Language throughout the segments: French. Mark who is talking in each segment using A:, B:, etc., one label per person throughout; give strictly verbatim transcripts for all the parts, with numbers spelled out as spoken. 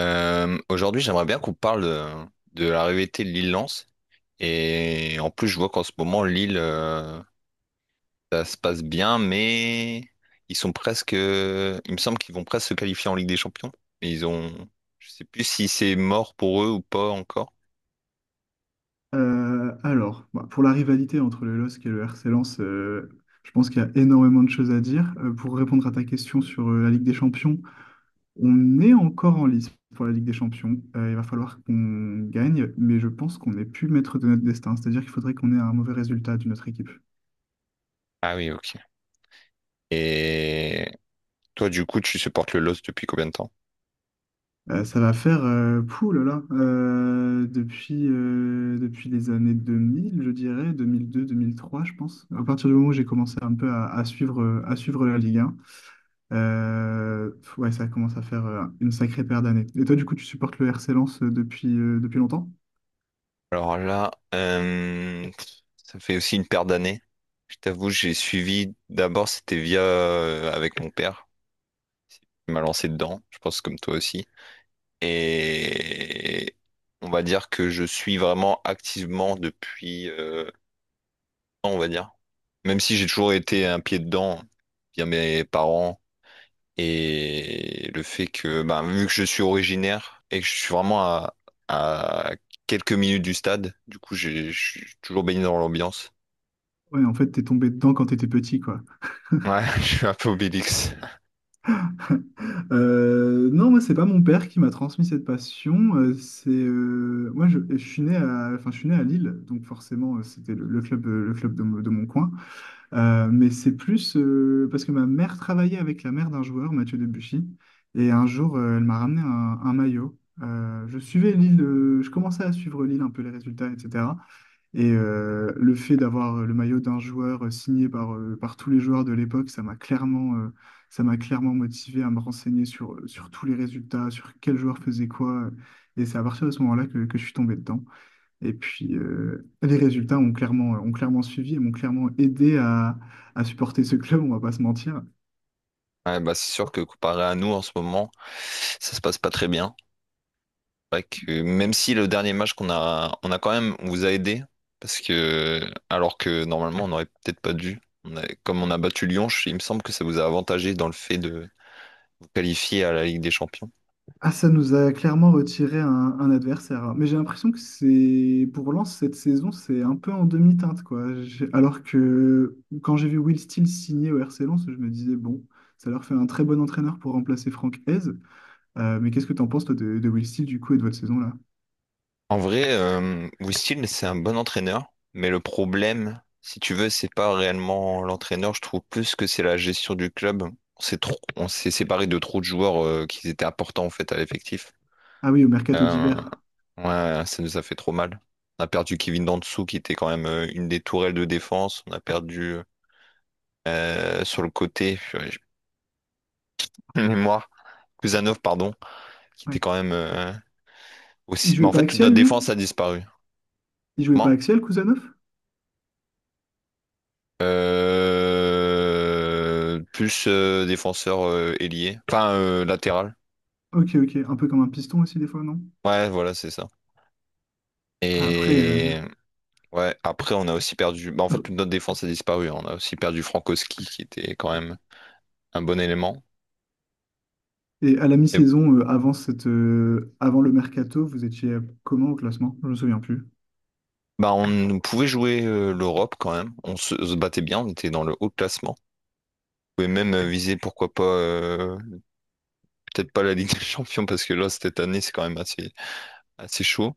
A: Euh, aujourd'hui, j'aimerais bien qu'on parle de, de la rivalité de l'île Lance. Et en plus, je vois qu'en ce moment, Lille, euh, ça se passe bien, mais ils sont presque. euh, Il me semble qu'ils vont presque se qualifier en Ligue des Champions. Mais ils ont. Je sais plus si c'est mort pour eux ou pas encore.
B: Euh, alors, bah, pour la rivalité entre le LOSC et le R C Lens, euh, je pense qu'il y a énormément de choses à dire. Euh, pour répondre à ta question sur euh, la Ligue des Champions, on est encore en lice pour la Ligue des Champions. Euh, il va falloir qu'on gagne, mais je pense qu'on n'est plus maître de notre destin. C'est-à-dire qu'il faudrait qu'on ait un mauvais résultat d'une autre équipe.
A: Ah oui, ok. Et toi, du coup, tu supportes le L O S depuis combien de temps?
B: Euh, ça va faire, euh, pouh là là, euh, depuis, euh, depuis les années deux mille, je dirais, deux deux, deux mille deux-deux mille trois, je pense. À partir du moment où j'ai commencé un peu à, à suivre, euh, à suivre la Ligue. Euh, ouais, ça commence à faire euh, une sacrée paire d'années. Et toi, du coup, tu supportes le R C Lens euh, depuis, euh, depuis longtemps?
A: Alors là, euh, ça fait aussi une paire d'années. Je t'avoue, j'ai suivi. D'abord, c'était via euh, avec mon père. Il m'a lancé dedans. Je pense comme toi aussi. Et on va dire que je suis vraiment activement depuis. euh, ans, on va dire. Même si j'ai toujours été un pied dedans via mes parents et le fait que, bah, vu que je suis originaire et que je suis vraiment à, à quelques minutes du stade, du coup, j'ai- je suis toujours baigné dans l'ambiance.
B: Ouais, en fait, t'es tombé dedans quand t'étais petit, quoi.
A: Ouais, je suis un peu Obélix.
B: Euh, non, moi, c'est pas mon père qui m'a transmis cette passion. Euh, c'est euh, Moi, je, je suis né à, enfin, je suis né à Lille, donc forcément, euh, c'était le, le club, euh, le club de, mon de mon coin. Euh, mais c'est plus euh, parce que ma mère travaillait avec la mère d'un joueur, Mathieu Debuchy, et un jour, euh, elle m'a ramené un, un maillot. Euh, je suivais Lille, euh, je commençais à suivre Lille un peu les résultats, et cetera. Et euh, le fait d'avoir euh, le maillot d'un joueur euh, signé par, euh, par tous les joueurs de l'époque, ça m'a clairement, euh, ça m'a clairement motivé à me renseigner sur, euh, sur tous les résultats, sur quel joueur faisait quoi. euh, Et c'est à partir de ce moment-là que, que je suis tombé dedans. Et puis, euh, les résultats ont clairement, ont clairement suivi et m'ont clairement aidé à, à supporter ce club, on va pas se mentir.
A: Ouais, bah c'est sûr que comparé à nous en ce moment, ça se passe pas très bien. C'est vrai que même si le dernier match qu'on a, on a quand même, on vous a aidé parce que alors que normalement on aurait peut-être pas dû. On a- comme on a battu Lyon, je- il me semble que ça vous a avantagé dans le fait de qualifié à la Ligue des Champions.
B: Ah, ça nous a clairement retiré un, un adversaire. Mais j'ai l'impression que c'est pour Lens cette saison, c'est un peu en demi-teinte, quoi. J'ai- Alors que quand j'ai vu Will Steel signer au R C Lens, je me disais, bon, ça leur fait un très bon entraîneur pour remplacer Franck Hez. Euh, mais qu'est-ce que t'en penses, toi, de, de Will Steel, du coup, et de votre saison, là?
A: En vrai, euh, Wistil, c'est un bon entraîneur, mais le problème, si tu veux, c'est pas réellement l'entraîneur. Je trouve plus que c'est la gestion du club. On s'est trop, on s'est séparé de trop de joueurs euh, qui étaient importants en fait à l'effectif.
B: Ah oui, au mercato
A: Euh,
B: d'hiver.
A: Ouais, ça nous a fait trop mal. On a perdu Kevin Dantzou qui était quand même euh, une des tourelles de défense. On a perdu euh, sur le côté, purée, j'ai plus de mémoire, Kuzanov, pardon, qui
B: Ouais.
A: était quand même euh,
B: Il
A: aussi. Mais
B: jouait
A: en
B: pas
A: fait, toute
B: axial,
A: notre
B: lui?
A: défense a disparu.
B: Il jouait pas
A: Comment?
B: axial, Kouzanov?
A: Euh, Plus euh, défenseur euh, ailier, enfin euh, latéral.
B: Ok, ok. Un peu comme un piston aussi, des fois, non?
A: Ouais, voilà, c'est ça.
B: Ah, après. euh,
A: Et ouais, après, on a aussi perdu. Bah, en fait, toute notre défense a disparu. On a aussi perdu Frankowski qui était quand même un bon élément.
B: Et à la
A: Mais
B: mi-saison, euh, avant cette, euh, avant le mercato, vous étiez euh, comment au classement? Je me souviens plus.
A: bah, on pouvait jouer euh, l'Europe quand même. On se, se battait bien, on était dans le haut classement. On pouvait même euh, viser, pourquoi pas, euh, peut-être pas la Ligue des Champions, parce que là, cette année, c'est quand même assez, assez chaud.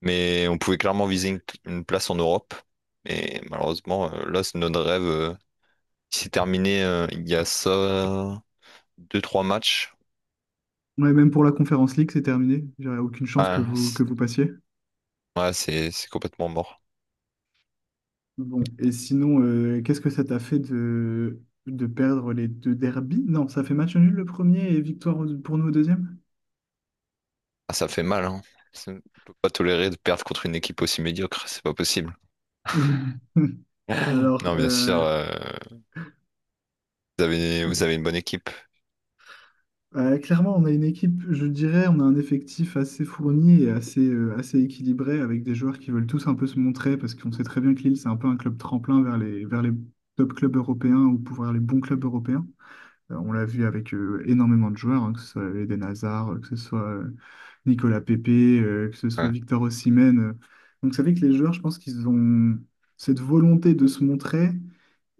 A: Mais on pouvait clairement viser une, une place en Europe. Mais malheureusement, euh, là, c'est notre rêve. Euh, il s'est terminé euh, il y a ça, euh, deux, trois matchs.
B: Ouais, même pour la conférence League, c'est terminé. J'aurais aucune chance
A: Ouais,
B: que vous,
A: c'est
B: que vous passiez.
A: ouais, c'est- c'est complètement mort.
B: Bon, et sinon, euh, qu'est-ce que ça t'a fait de, de perdre les deux derbies? Non, ça fait match nul le premier et victoire au- pour nous au deuxième?
A: Ah, ça fait mal, hein. C'est- On peut pas tolérer de perdre contre une équipe aussi médiocre, c'est pas possible.
B: Alors,
A: Non, bien sûr.
B: euh,
A: euh, Vous avez, vous avez une bonne équipe.
B: Euh, clairement, on a une équipe, je dirais, on a un effectif assez fourni et assez, euh, assez équilibré avec des joueurs qui veulent tous un peu se montrer parce qu'on sait très bien que Lille, c'est un peu un club tremplin vers les, vers les top clubs européens ou pour vers les bons clubs européens. Euh, on l'a vu avec euh, énormément de joueurs, hein, que ce soit Eden Hazard, euh, que ce soit euh, Nicolas Pepe, euh, que ce soit
A: Ouais.
B: Victor Osimhen. euh. Donc, c'est vrai que les joueurs, je pense qu'ils ont cette volonté de se montrer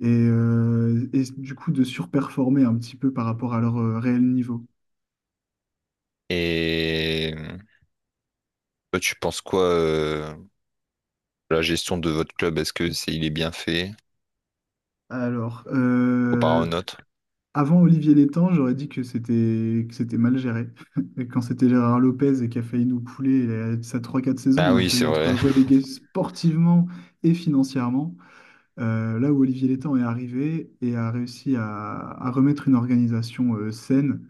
B: et, euh, et du coup de surperformer un petit peu par rapport à leur euh, réel niveau.
A: Et toi, tu penses quoi euh, de la gestion de votre club? Est-ce que c'est, il est bien fait
B: Alors,
A: comparé au
B: euh,
A: nôtre?
B: Avant Olivier Létang, j'aurais dit que c'était que c'était mal géré. Et quand c'était Gérard Lopez et qui a failli nous couler euh, sa trois quatre saisons,
A: Ah
B: on a
A: oui, c'est
B: failli être
A: vrai.
B: relégué sportivement et financièrement. Euh, là où Olivier Létang est arrivé et a réussi à, à remettre une organisation euh, saine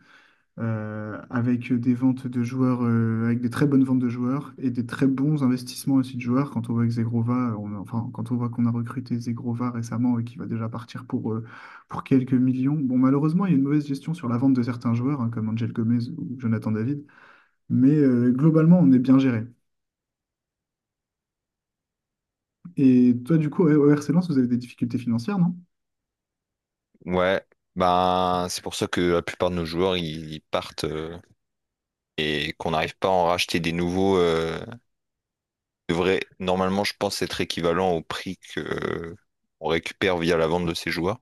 B: euh, avec des ventes de joueurs, euh, avec des très bonnes ventes de joueurs et des très bons investissements aussi de joueurs. Quand on voit que Zegrova, euh, on a- enfin, quand on voit qu'on a recruté Zegrova récemment et qu'il va déjà partir pour, euh, pour quelques millions. Bon, malheureusement, il y a une mauvaise gestion sur la vente de certains joueurs, hein, comme Angel Gomez ou Jonathan David, mais euh, globalement, on est bien géré. Et toi, du coup, ouais, au R C Lens, vous avez des difficultés financières, non?
A: Ouais. Ben, c'est pour ça que la plupart de nos joueurs, ils ils partent euh, et qu'on n'arrive pas à en racheter des nouveaux. Euh, devrait normalement, je pense, être équivalent au prix que euh, on récupère via la vente de ces joueurs.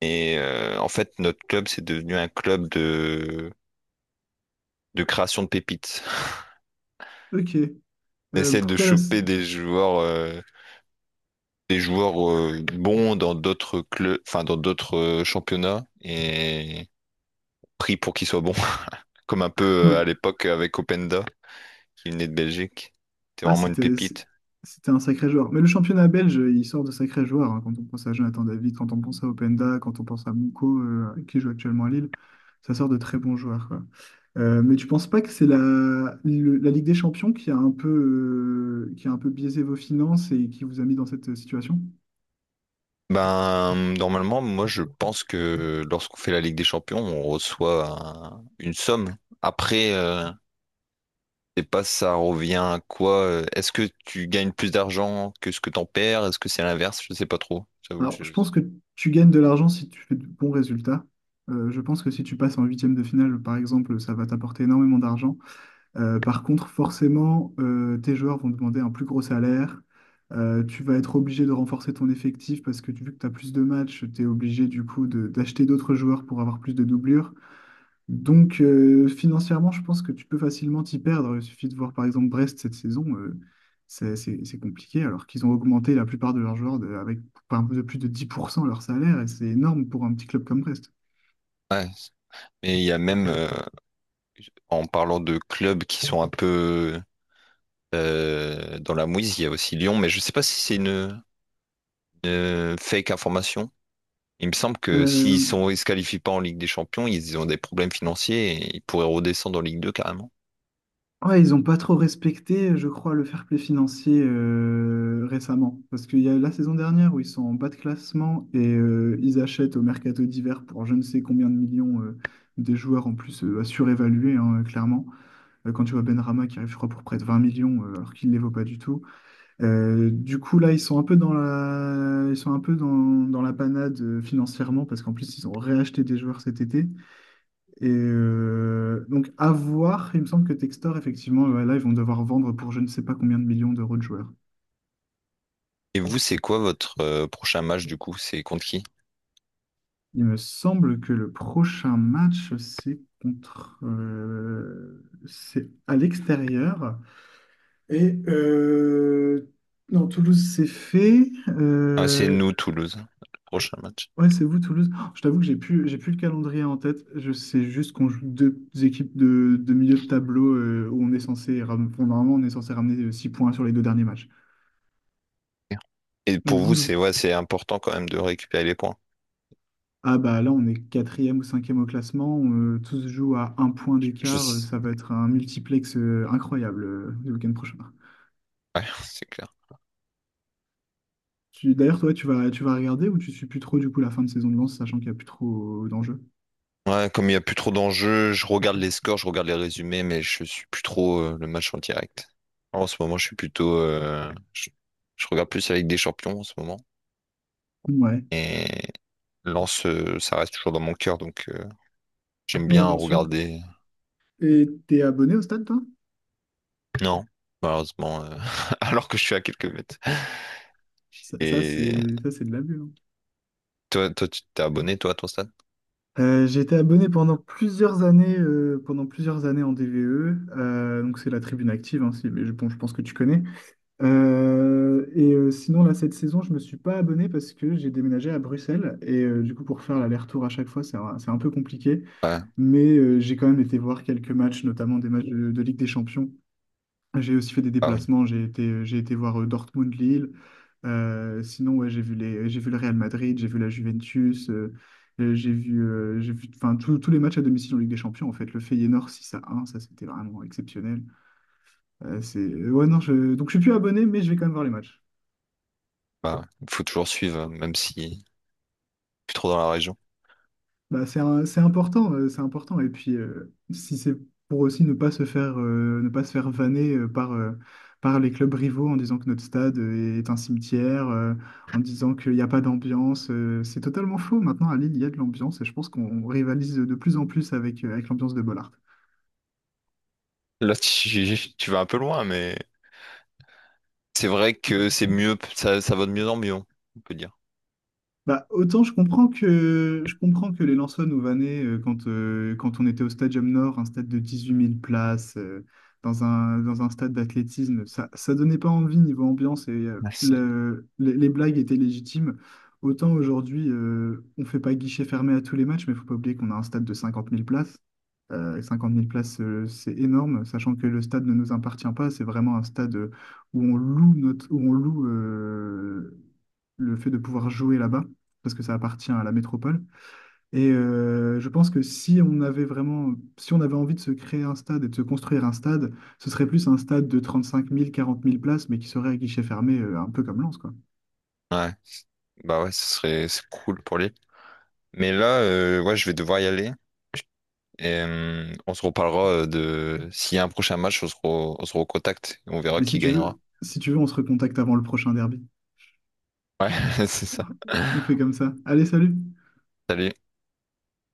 A: Et euh, en fait, notre club, c'est devenu un club de, de création de pépites.
B: Ok.
A: On
B: Euh,
A: essaie
B: pour
A: de
B: toi, là, c'est-
A: choper des joueurs euh, des joueurs euh, bons dans d'autres clubs, enfin dans d'autres euh, championnats et pris pour qu'ils soient bons, comme un peu
B: ouais.
A: euh, à l'époque avec Openda qui venait de Belgique. C'était
B: Ah,
A: vraiment une
B: c'était c'est-
A: pépite.
B: c'était un sacré joueur. Mais le championnat belge, il sort de sacrés joueurs, hein. Quand on pense à Jonathan David, quand on pense à Openda, quand on pense à Mouko, euh, qui joue actuellement à Lille, ça sort de très bons joueurs, quoi. Euh, mais tu penses pas que c'est la, le- la Ligue des Champions qui a un peu, euh, qui a un peu biaisé vos finances et qui vous a mis dans cette euh, situation?
A: Ben normalement, moi je pense que lorsqu'on fait la Ligue des Champions, on reçoit un- une somme. Après, euh, je sais pas ça revient à quoi. euh, Est-ce que tu gagnes plus d'argent que ce que t'en perds? Est-ce que c'est l'inverse? Je sais pas trop. J'avoue,
B: Alors,
A: je...
B: je pense que tu gagnes de l'argent si tu fais de bons résultats. Euh, je pense que si tu passes en huitième de finale, par exemple, ça va t'apporter énormément d'argent. Euh, par contre, forcément, euh, tes joueurs vont demander un plus gros salaire. Euh, tu vas être obligé de renforcer ton effectif parce que tu- vu que tu as plus de matchs, tu es obligé du coup de- d'acheter d'autres joueurs pour avoir plus de doublures. Donc euh, financièrement, je pense que tu peux facilement t'y perdre. Il suffit de voir par exemple Brest cette saison, euh, c'est c'est- c'est compliqué alors qu'ils ont augmenté la plupart de leurs joueurs de- avec un peu de plus de dix pour cent leur salaire et c'est énorme pour un petit club comme Brest.
A: Ouais. Mais il y a même euh, en parlant de clubs qui sont un peu euh, dans la mouise, il y a aussi Lyon, mais je ne sais pas si c'est une, une fake information. Il me semble que s'ils
B: Euh,
A: sont, ils se qualifient pas en Ligue des Champions, ils ont des problèmes financiers et ils pourraient redescendre en Ligue deux carrément.
B: Ouais, ils n'ont pas trop respecté, je crois, le fair play financier euh, récemment. Parce qu'il y a la saison dernière où ils sont en bas de classement et euh, ils achètent au mercato d'hiver pour je ne sais combien de millions euh, des joueurs en plus euh, à surévaluer, hein, clairement. Euh, quand tu vois Benrama qui arrive, je crois, pour près de vingt millions euh, alors qu'il ne les vaut pas du tout. Euh, du coup, là, ils sont un peu dans la, ils sont un peu dans, dans la panade euh, financièrement parce qu'en plus, ils ont réacheté des joueurs cet été. Et euh, donc, à voir, il me semble que Textor, effectivement, ouais, là, ils vont devoir vendre pour je ne sais pas combien de millions d'euros de joueurs.
A: Et vous, c'est quoi votre euh, prochain match du coup? C'est contre qui?
B: Il me semble que le prochain match, c'est contre. Euh, c'est à l'extérieur. Et euh, non, Toulouse, c'est fait.
A: Ah, c'est
B: Euh,
A: nous, Toulouse, le prochain match.
B: ouais, c'est vous, Toulouse. Oh, je t'avoue que j'ai plus, j'ai plus le calendrier en tête. Je sais juste qu'on joue deux équipes de, de milieu de tableau euh, où on est censé. Ram- bon, normalement, on est censé ramener euh, six points sur les deux derniers matchs.
A: Et pour
B: Donc
A: vous,
B: vous.
A: c'est ouais, c'est important quand même de récupérer les points.
B: Ah bah là, on est quatrième ou cinquième au classement. On, euh, tous jouent à un point
A: Je...
B: d'écart. euh, Ça va être un multiplex euh, incroyable euh, le week-end prochain.
A: Ouais, c'est clair.
B: Tu, d'ailleurs, toi, tu vas, tu vas regarder ou tu suis plus trop du coup la fin de saison de Lens, sachant qu'il n'y a plus trop euh, d'enjeux?
A: Ouais, comme il n'y a plus trop d'enjeux, je regarde les scores, je regarde les résumés, mais je suis plus trop euh, le match en direct. En ce moment, je suis plutôt, euh, je, je regarde plus la Ligue des Champions en ce moment.
B: Ouais.
A: Et Lens, euh, ça reste toujours dans mon cœur, donc euh, j'aime
B: Ouais,
A: bien
B: bien sûr.
A: regarder.
B: Et t'es abonné au stade, toi?
A: Non, malheureusement, euh, alors que je suis à quelques mètres.
B: Ça, ça,
A: Et
B: c'est ça, c'est de l'abus, hein.
A: toi, toi, tu t'es abonné, toi, à ton stade?
B: Euh, j'ai été abonné pendant plusieurs années, euh, pendant plusieurs années en D V E. Euh, donc c'est la tribune active, hein, si- mais je, bon, je pense que tu connais. Euh, et euh, sinon, là, cette saison, je me suis pas abonné parce que j'ai déménagé à Bruxelles. Et euh, du coup, pour faire l'aller-retour à chaque fois, c'est un, c'est un peu compliqué.
A: Ouais.
B: Mais euh, j'ai quand même été voir quelques matchs, notamment des matchs de, de Ligue des Champions. J'ai aussi fait des
A: Ah oui,
B: déplacements. J'ai été, euh, j'ai été voir euh, Dortmund-Lille. Euh, sinon, ouais, j'ai vu les, j'ai vu le Real Madrid, j'ai vu la Juventus. Euh, euh, j'ai vu, euh, j'ai vu enfin, tous tous les matchs à domicile en Ligue des Champions, en fait. Le Feyenoord six à un, ça, c'était vraiment exceptionnel. Euh, c'est... Ouais, non, je... Donc, je suis plus abonné, mais je vais quand même voir les matchs.
A: bah, ouais. Faut toujours suivre, même si plus trop dans la région.
B: Bah, c'est un- c'est important, euh, c'est important. Et puis, euh, si c'est pour aussi ne pas se faire, euh, ne pas se faire vanner euh, par, euh, par les clubs rivaux en disant que notre stade euh, est un cimetière, euh, en disant qu'il n'y a pas d'ambiance, euh, c'est totalement faux. Maintenant, à Lille, il y a de l'ambiance et je pense qu'on rivalise de plus en plus avec, euh, avec l'ambiance de Bollard.
A: Là, tu, tu vas un peu loin, mais c'est vrai que c'est mieux, ça, ça va de mieux en mieux, on peut dire.
B: Bah, autant je comprends que, je comprends que les Lensois nous vannaient euh, quand, euh, quand on était au Stadium Nord, un stade de dix-huit mille places, euh, dans un, dans un stade d'athlétisme. Ça, ça donnait pas envie niveau ambiance et euh,
A: Ouais. C'est-
B: le- les, les blagues étaient légitimes. Autant aujourd'hui, euh, on fait pas guichet fermé à tous les matchs, mais faut pas oublier qu'on a un stade de cinquante mille places. Euh, cinquante mille places, euh, c'est énorme, sachant que le stade ne nous appartient pas. C'est vraiment un stade euh, où on loue notre, où on loue euh, le fait de pouvoir jouer là-bas, parce que ça appartient à la métropole. Et euh, je pense que si on avait vraiment, si on avait envie de se créer un stade et de se construire un stade, ce serait plus un stade de trente-cinq mille quarante mille places, mais qui serait à guichet fermé, euh, un peu comme Lens, quoi.
A: ouais, bah ouais, ce serait c'est cool pour l'île. Mais là, euh, ouais, je vais devoir y aller. Et euh, on se reparlera euh, de s'il y a un prochain match, on se, re- on se recontacte et on verra
B: Mais si
A: qui
B: tu
A: gagnera.
B: veux, si tu veux, on se recontacte avant le prochain derby.
A: Ouais, c'est ça.
B: On fait comme ça. Allez, salut!
A: Salut.